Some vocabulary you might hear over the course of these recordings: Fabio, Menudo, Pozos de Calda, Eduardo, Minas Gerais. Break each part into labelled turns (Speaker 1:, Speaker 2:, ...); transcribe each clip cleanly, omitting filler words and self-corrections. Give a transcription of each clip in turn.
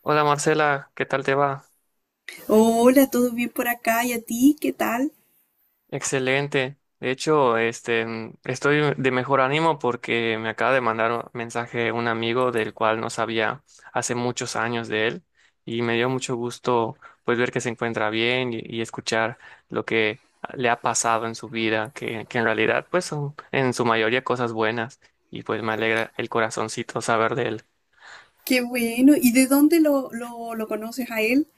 Speaker 1: Hola, Marcela, ¿qué tal te va?
Speaker 2: Hola, ¿todo bien por acá? ¿Y a ti? ¿Qué tal?
Speaker 1: Excelente. De hecho, estoy de mejor ánimo porque me acaba de mandar un mensaje un amigo del cual no sabía hace muchos años de él, y me dio mucho gusto, pues, ver que se encuentra bien y escuchar lo que le ha pasado en su vida, que en realidad pues son en su mayoría cosas buenas, y pues me alegra el corazoncito saber de él.
Speaker 2: Qué bueno. ¿Y de dónde lo conoces a él?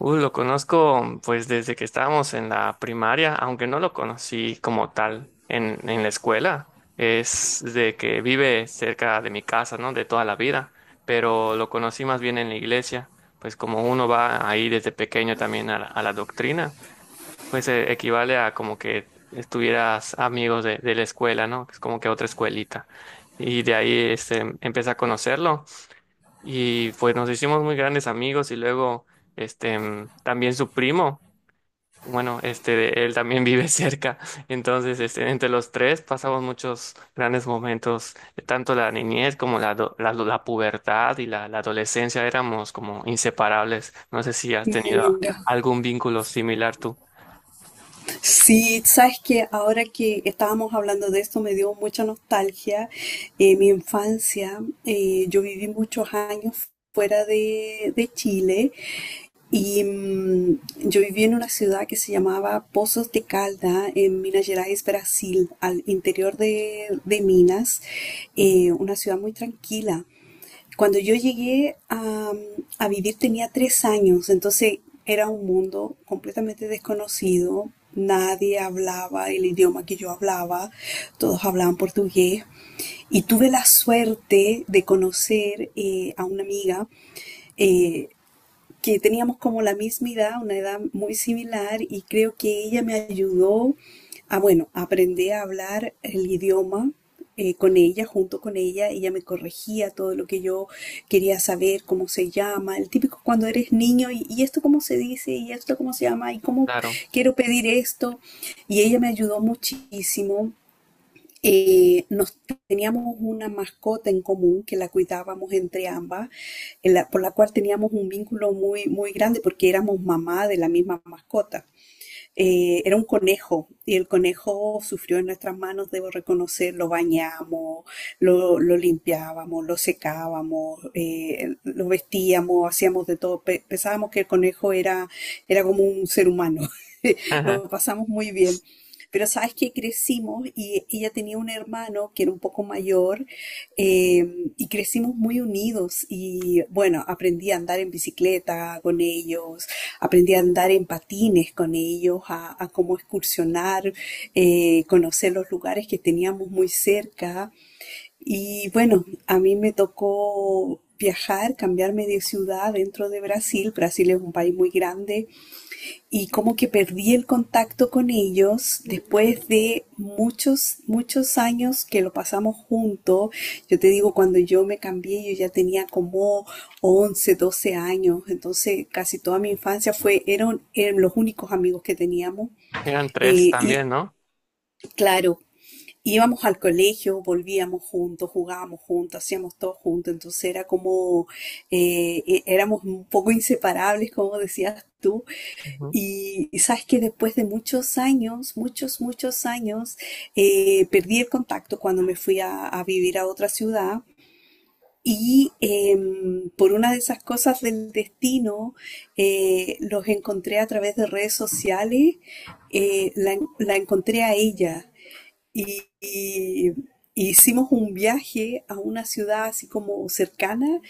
Speaker 1: Uy, lo conozco pues desde que estábamos en la primaria, aunque no lo conocí como tal en la escuela. Es de que vive cerca de mi casa, ¿no? De toda la vida, pero lo conocí más bien en la iglesia, pues como uno va ahí desde pequeño también a a la doctrina. Pues equivale a como que estuvieras amigos de la escuela, ¿no? Es como que otra escuelita. Y de ahí este, empecé a conocerlo. Y pues nos hicimos muy grandes amigos y luego también su primo, bueno, este él también vive cerca. Entonces, este, entre los tres pasamos muchos grandes momentos, tanto la niñez como la pubertad y la adolescencia éramos como inseparables. No sé si has tenido
Speaker 2: Mira.
Speaker 1: algún vínculo similar tú.
Speaker 2: Sí, sabes que ahora que estábamos hablando de esto me dio mucha nostalgia. Mi infancia, yo viví muchos años fuera de Chile y yo viví en una ciudad que se llamaba Pozos de Calda en Minas Gerais, Brasil, al interior de Minas, una ciudad muy tranquila. Cuando yo llegué a vivir tenía 3 años, entonces era un mundo completamente desconocido. Nadie hablaba el idioma que yo hablaba, todos hablaban portugués. Y tuve la suerte de conocer a una amiga eh, que teníamos como la misma edad, una edad muy similar, y creo que ella me ayudó a, bueno, aprender a hablar el idioma con ella, junto con ella. Ella me corregía todo lo que yo quería saber, cómo se llama, el típico cuando eres niño, y esto cómo se dice, y esto cómo se llama, y cómo
Speaker 1: Claro.
Speaker 2: quiero pedir esto. Y ella me ayudó muchísimo nos teníamos una mascota en común que la cuidábamos entre ambas, en la- por la cual teníamos un vínculo muy, muy grande porque éramos mamá de la misma mascota, era un conejo y el conejo sufrió en nuestras manos, debo reconocer, lo bañamos, lo limpiábamos, lo secábamos, lo vestíamos, hacíamos de todo. Pensábamos que el conejo era, era como un ser humano.
Speaker 1: Ajá.
Speaker 2: Lo pasamos muy bien. Pero sabes que crecimos y ella tenía un hermano que era un poco mayor, eh, y crecimos muy unidos y bueno, aprendí a andar en bicicleta con ellos, aprendí a andar en patines con ellos, a, cómo excursionar, conocer los lugares que teníamos muy cerca. Y bueno, a mí me tocó viajar, cambiarme de ciudad dentro de Brasil. Brasil es un país muy grande y como que perdí el contacto con ellos después de muchos, muchos años que lo pasamos juntos. Yo te digo, cuando yo me cambié, yo ya tenía como 11 12 años, entonces casi toda mi infancia fue, eran, eran los únicos amigos que teníamos.
Speaker 1: Eran tres
Speaker 2: Y
Speaker 1: también, ¿no?
Speaker 2: claro, íbamos al colegio, volvíamos juntos, jugábamos juntos, hacíamos todo juntos, entonces era como, éramos un poco inseparables, como decías tú,
Speaker 1: Ujú.
Speaker 2: y sabes que después de muchos años, muchos, muchos años, perdí el contacto cuando me fui a vivir a otra ciudad. Y por una de esas cosas del destino, los encontré a través de redes sociales. La encontré a ella y, y y hicimos un viaje a una ciudad así como cercana,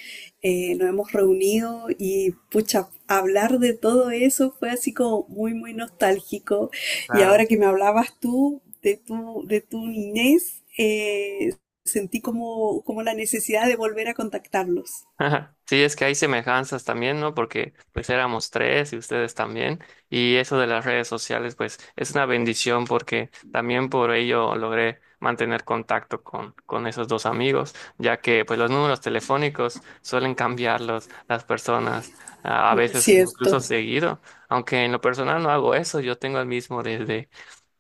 Speaker 2: nos hemos reunido y pucha, hablar de todo eso fue así como muy, muy nostálgico. Y
Speaker 1: Claro.
Speaker 2: ahora que me hablabas tú de tu niñez, sentí como, como la necesidad de volver a contactarlos.
Speaker 1: Ajá. Sí, es que hay semejanzas también, ¿no? Porque pues éramos tres y ustedes también. Y eso de las redes sociales pues es una bendición, porque también por ello logré mantener contacto con esos dos amigos, ya que pues los números telefónicos suelen cambiarlos las personas, a veces incluso
Speaker 2: Cierto.
Speaker 1: seguido, aunque en lo personal no hago eso, yo tengo el mismo desde,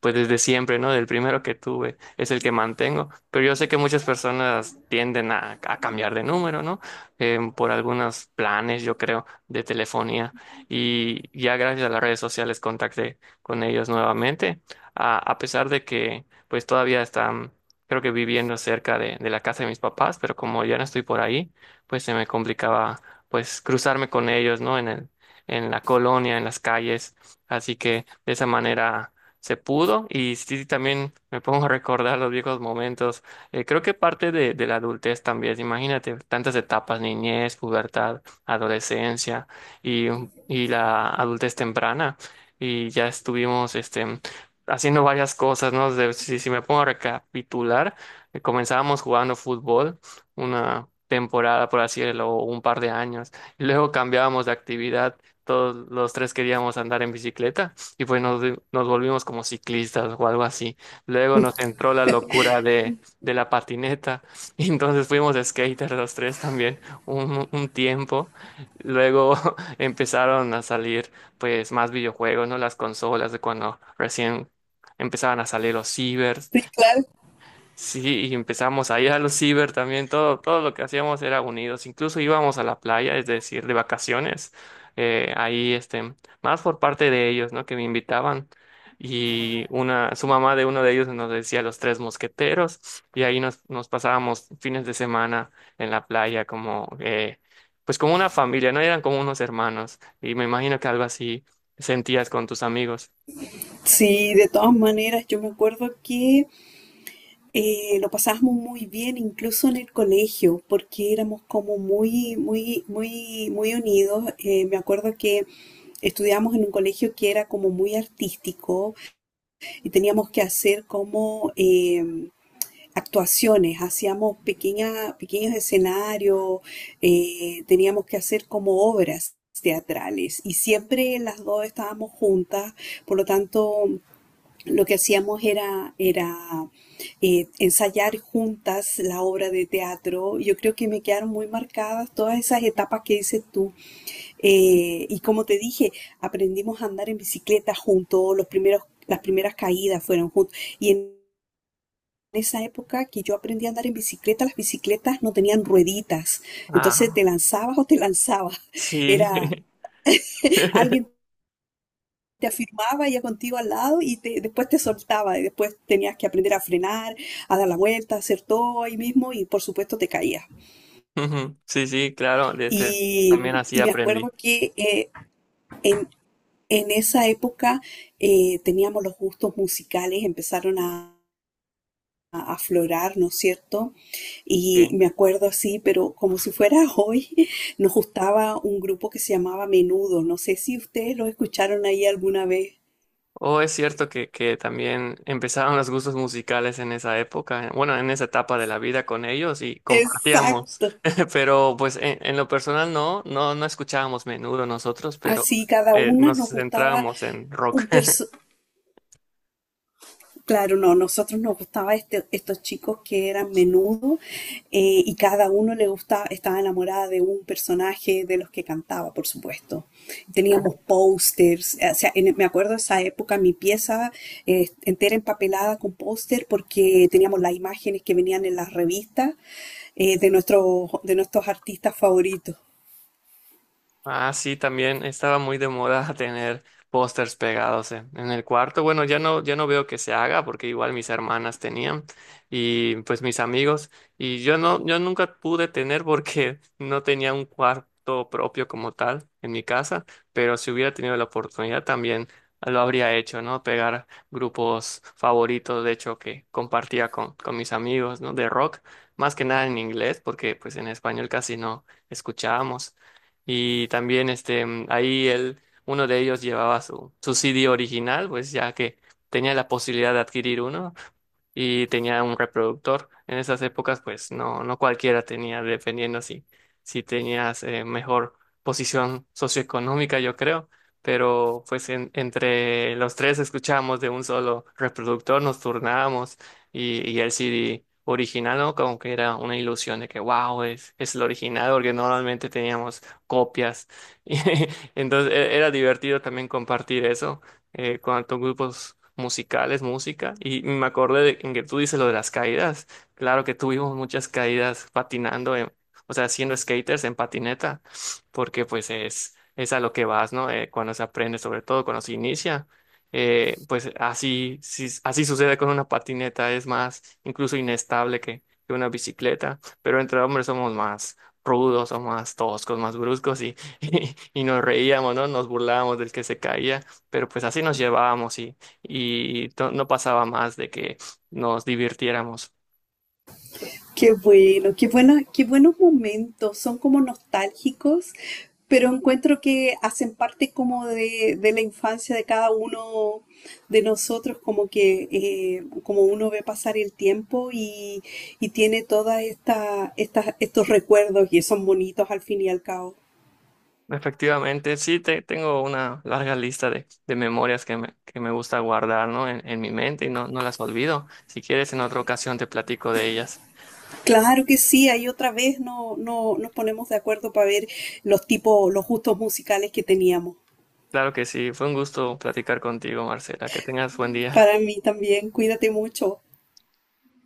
Speaker 1: pues desde siempre, ¿no? Del primero que tuve es el que mantengo, pero yo sé que muchas personas tienden a cambiar de número, ¿no? Por algunos planes, yo creo, de telefonía. Y ya gracias a las redes sociales contacté con ellos nuevamente, a pesar de que pues todavía están, creo que viviendo cerca de la casa de mis papás, pero como ya no estoy por ahí, pues se me complicaba pues cruzarme con ellos, ¿no? En la colonia, en las calles. Así que de esa manera se pudo. Y sí, también me pongo a recordar los viejos momentos. Eh, creo que parte de la adultez también, imagínate, tantas etapas, niñez, pubertad, adolescencia, y, y la adultez temprana. Y ya estuvimos este, haciendo varias cosas, ¿no? Si me pongo a recapitular, comenzábamos jugando fútbol una temporada, por así decirlo, o un par de años. Y luego cambiábamos de actividad, todos los tres queríamos andar en bicicleta y pues nos volvimos como ciclistas o algo así. Luego nos entró la locura de la patineta. Y entonces fuimos skaters los tres también un tiempo. Luego empezaron a salir pues más videojuegos, ¿no? Las consolas de cuando recién empezaban a salir los cibers.
Speaker 2: Sí, claro.
Speaker 1: Sí, y empezamos a ir a los ciber también, todo, todo lo que hacíamos era unidos, incluso íbamos a la playa, es decir, de vacaciones, eh, ahí, este, más por parte de ellos, ¿no? Que me invitaban, y una, su mamá de uno de ellos nos decía Los Tres Mosqueteros, y ahí nos, nos pasábamos fines de semana en la playa, como, pues como una familia, ¿no? Eran como unos hermanos, y me imagino que algo así sentías con tus amigos.
Speaker 2: Sí, de todas maneras, yo me acuerdo que lo pasábamos muy bien, incluso en el colegio, porque éramos como muy, muy, muy, muy unidos. Me acuerdo que estudiábamos en un colegio que era como muy artístico y teníamos que hacer como actuaciones, hacíamos pequeños escenarios, teníamos que hacer como obras teatrales y siempre las dos estábamos juntas, por lo tanto lo que hacíamos era, era ensayar juntas la obra de teatro. Yo creo que me quedaron muy marcadas todas esas etapas que dices tú. Y como te dije, aprendimos a andar en bicicleta juntos, los primeros, las primeras caídas fueron juntos. Y en esa época que yo aprendí a andar en bicicleta, las bicicletas no tenían rueditas. Entonces
Speaker 1: Ah,
Speaker 2: te lanzabas o te lanzabas.
Speaker 1: sí.
Speaker 2: Era, alguien te afirmaba ya contigo al lado y te, después te soltaba y después tenías que aprender a frenar, a dar la vuelta, a hacer todo ahí mismo y por supuesto te caías.
Speaker 1: Ujú. Sí, sí, claro, de este también
Speaker 2: Y,
Speaker 1: así
Speaker 2: y me
Speaker 1: aprendí.
Speaker 2: acuerdo que en, en esa época, teníamos los gustos musicales, empezaron a aflorar, ¿no es cierto? Y
Speaker 1: Sí.
Speaker 2: me acuerdo así, pero como si fuera hoy, nos gustaba un grupo que se llamaba Menudo. No sé si ustedes lo escucharon ahí alguna vez.
Speaker 1: O es cierto que también empezaron los gustos musicales en esa época, bueno, en esa etapa de la vida con ellos y compartíamos,
Speaker 2: Exacto.
Speaker 1: pero pues en lo personal no, no, no escuchábamos menudo nosotros, pero
Speaker 2: Así cada una
Speaker 1: nos
Speaker 2: nos gustaba
Speaker 1: centrábamos en rock.
Speaker 2: un perso... Claro, no, nosotros nos gustaba estos chicos que eran Menudo, y cada uno le gustaba, estaba enamorada de un personaje de los que cantaba, por supuesto. Teníamos pósters, o sea, me acuerdo esa época mi pieza entera empapelada con póster porque teníamos las imágenes que venían en las revistas, de nuestros artistas favoritos.
Speaker 1: Ah, sí, también estaba muy de moda tener pósters pegados en el cuarto. Bueno, ya no, ya no veo que se haga, porque igual mis hermanas tenían y pues mis amigos, y yo no, yo nunca pude tener porque no tenía un cuarto propio como tal en mi casa, pero si hubiera tenido la oportunidad también lo habría hecho, ¿no? Pegar grupos favoritos, de hecho, que compartía con mis amigos, ¿no? De rock, más que nada en inglés, porque pues en español casi no escuchábamos. Y también ahí él, uno de ellos llevaba su CD original, pues ya que tenía la posibilidad de adquirir uno, y tenía un reproductor. En esas épocas pues no, no cualquiera tenía, dependiendo si, si tenías mejor posición socioeconómica, yo creo. Pero pues entre los tres escuchábamos de un solo reproductor, nos turnábamos, y el CD original, ¿no? Como que era una ilusión de que, wow, es el original, porque normalmente teníamos copias. Y entonces era divertido también compartir eso. Eh, con tantos grupos musicales, música, y me acordé de en que tú dices lo de las caídas. Claro que tuvimos muchas caídas patinando, o sea, siendo skaters en patineta, porque pues es a lo que vas, ¿no? Cuando se aprende, sobre todo cuando se inicia. Pues así, así sucede con una patineta, es más, incluso inestable que una bicicleta, pero entre hombres somos más rudos, somos más toscos, más bruscos, y y nos reíamos, ¿no? Nos burlábamos del que se caía, pero pues así nos llevábamos, y no pasaba más de que nos divirtiéramos.
Speaker 2: Qué bueno, qué bueno, qué buenos momentos, son como nostálgicos, pero encuentro que hacen parte como de la infancia de cada uno de nosotros, como que como uno ve pasar el tiempo y tiene todas estos recuerdos y son bonitos al fin y al cabo.
Speaker 1: Efectivamente, sí, tengo una larga lista de memorias que me gusta guardar, ¿no? En mi mente, y no, no las olvido. Si quieres, en otra ocasión te platico de ellas.
Speaker 2: Claro que sí, ahí otra vez no, nos ponemos de acuerdo para ver los tipos, los gustos musicales que teníamos.
Speaker 1: Claro que sí, fue un gusto platicar contigo, Marcela. Que tengas buen día.
Speaker 2: Para mí también, cuídate mucho.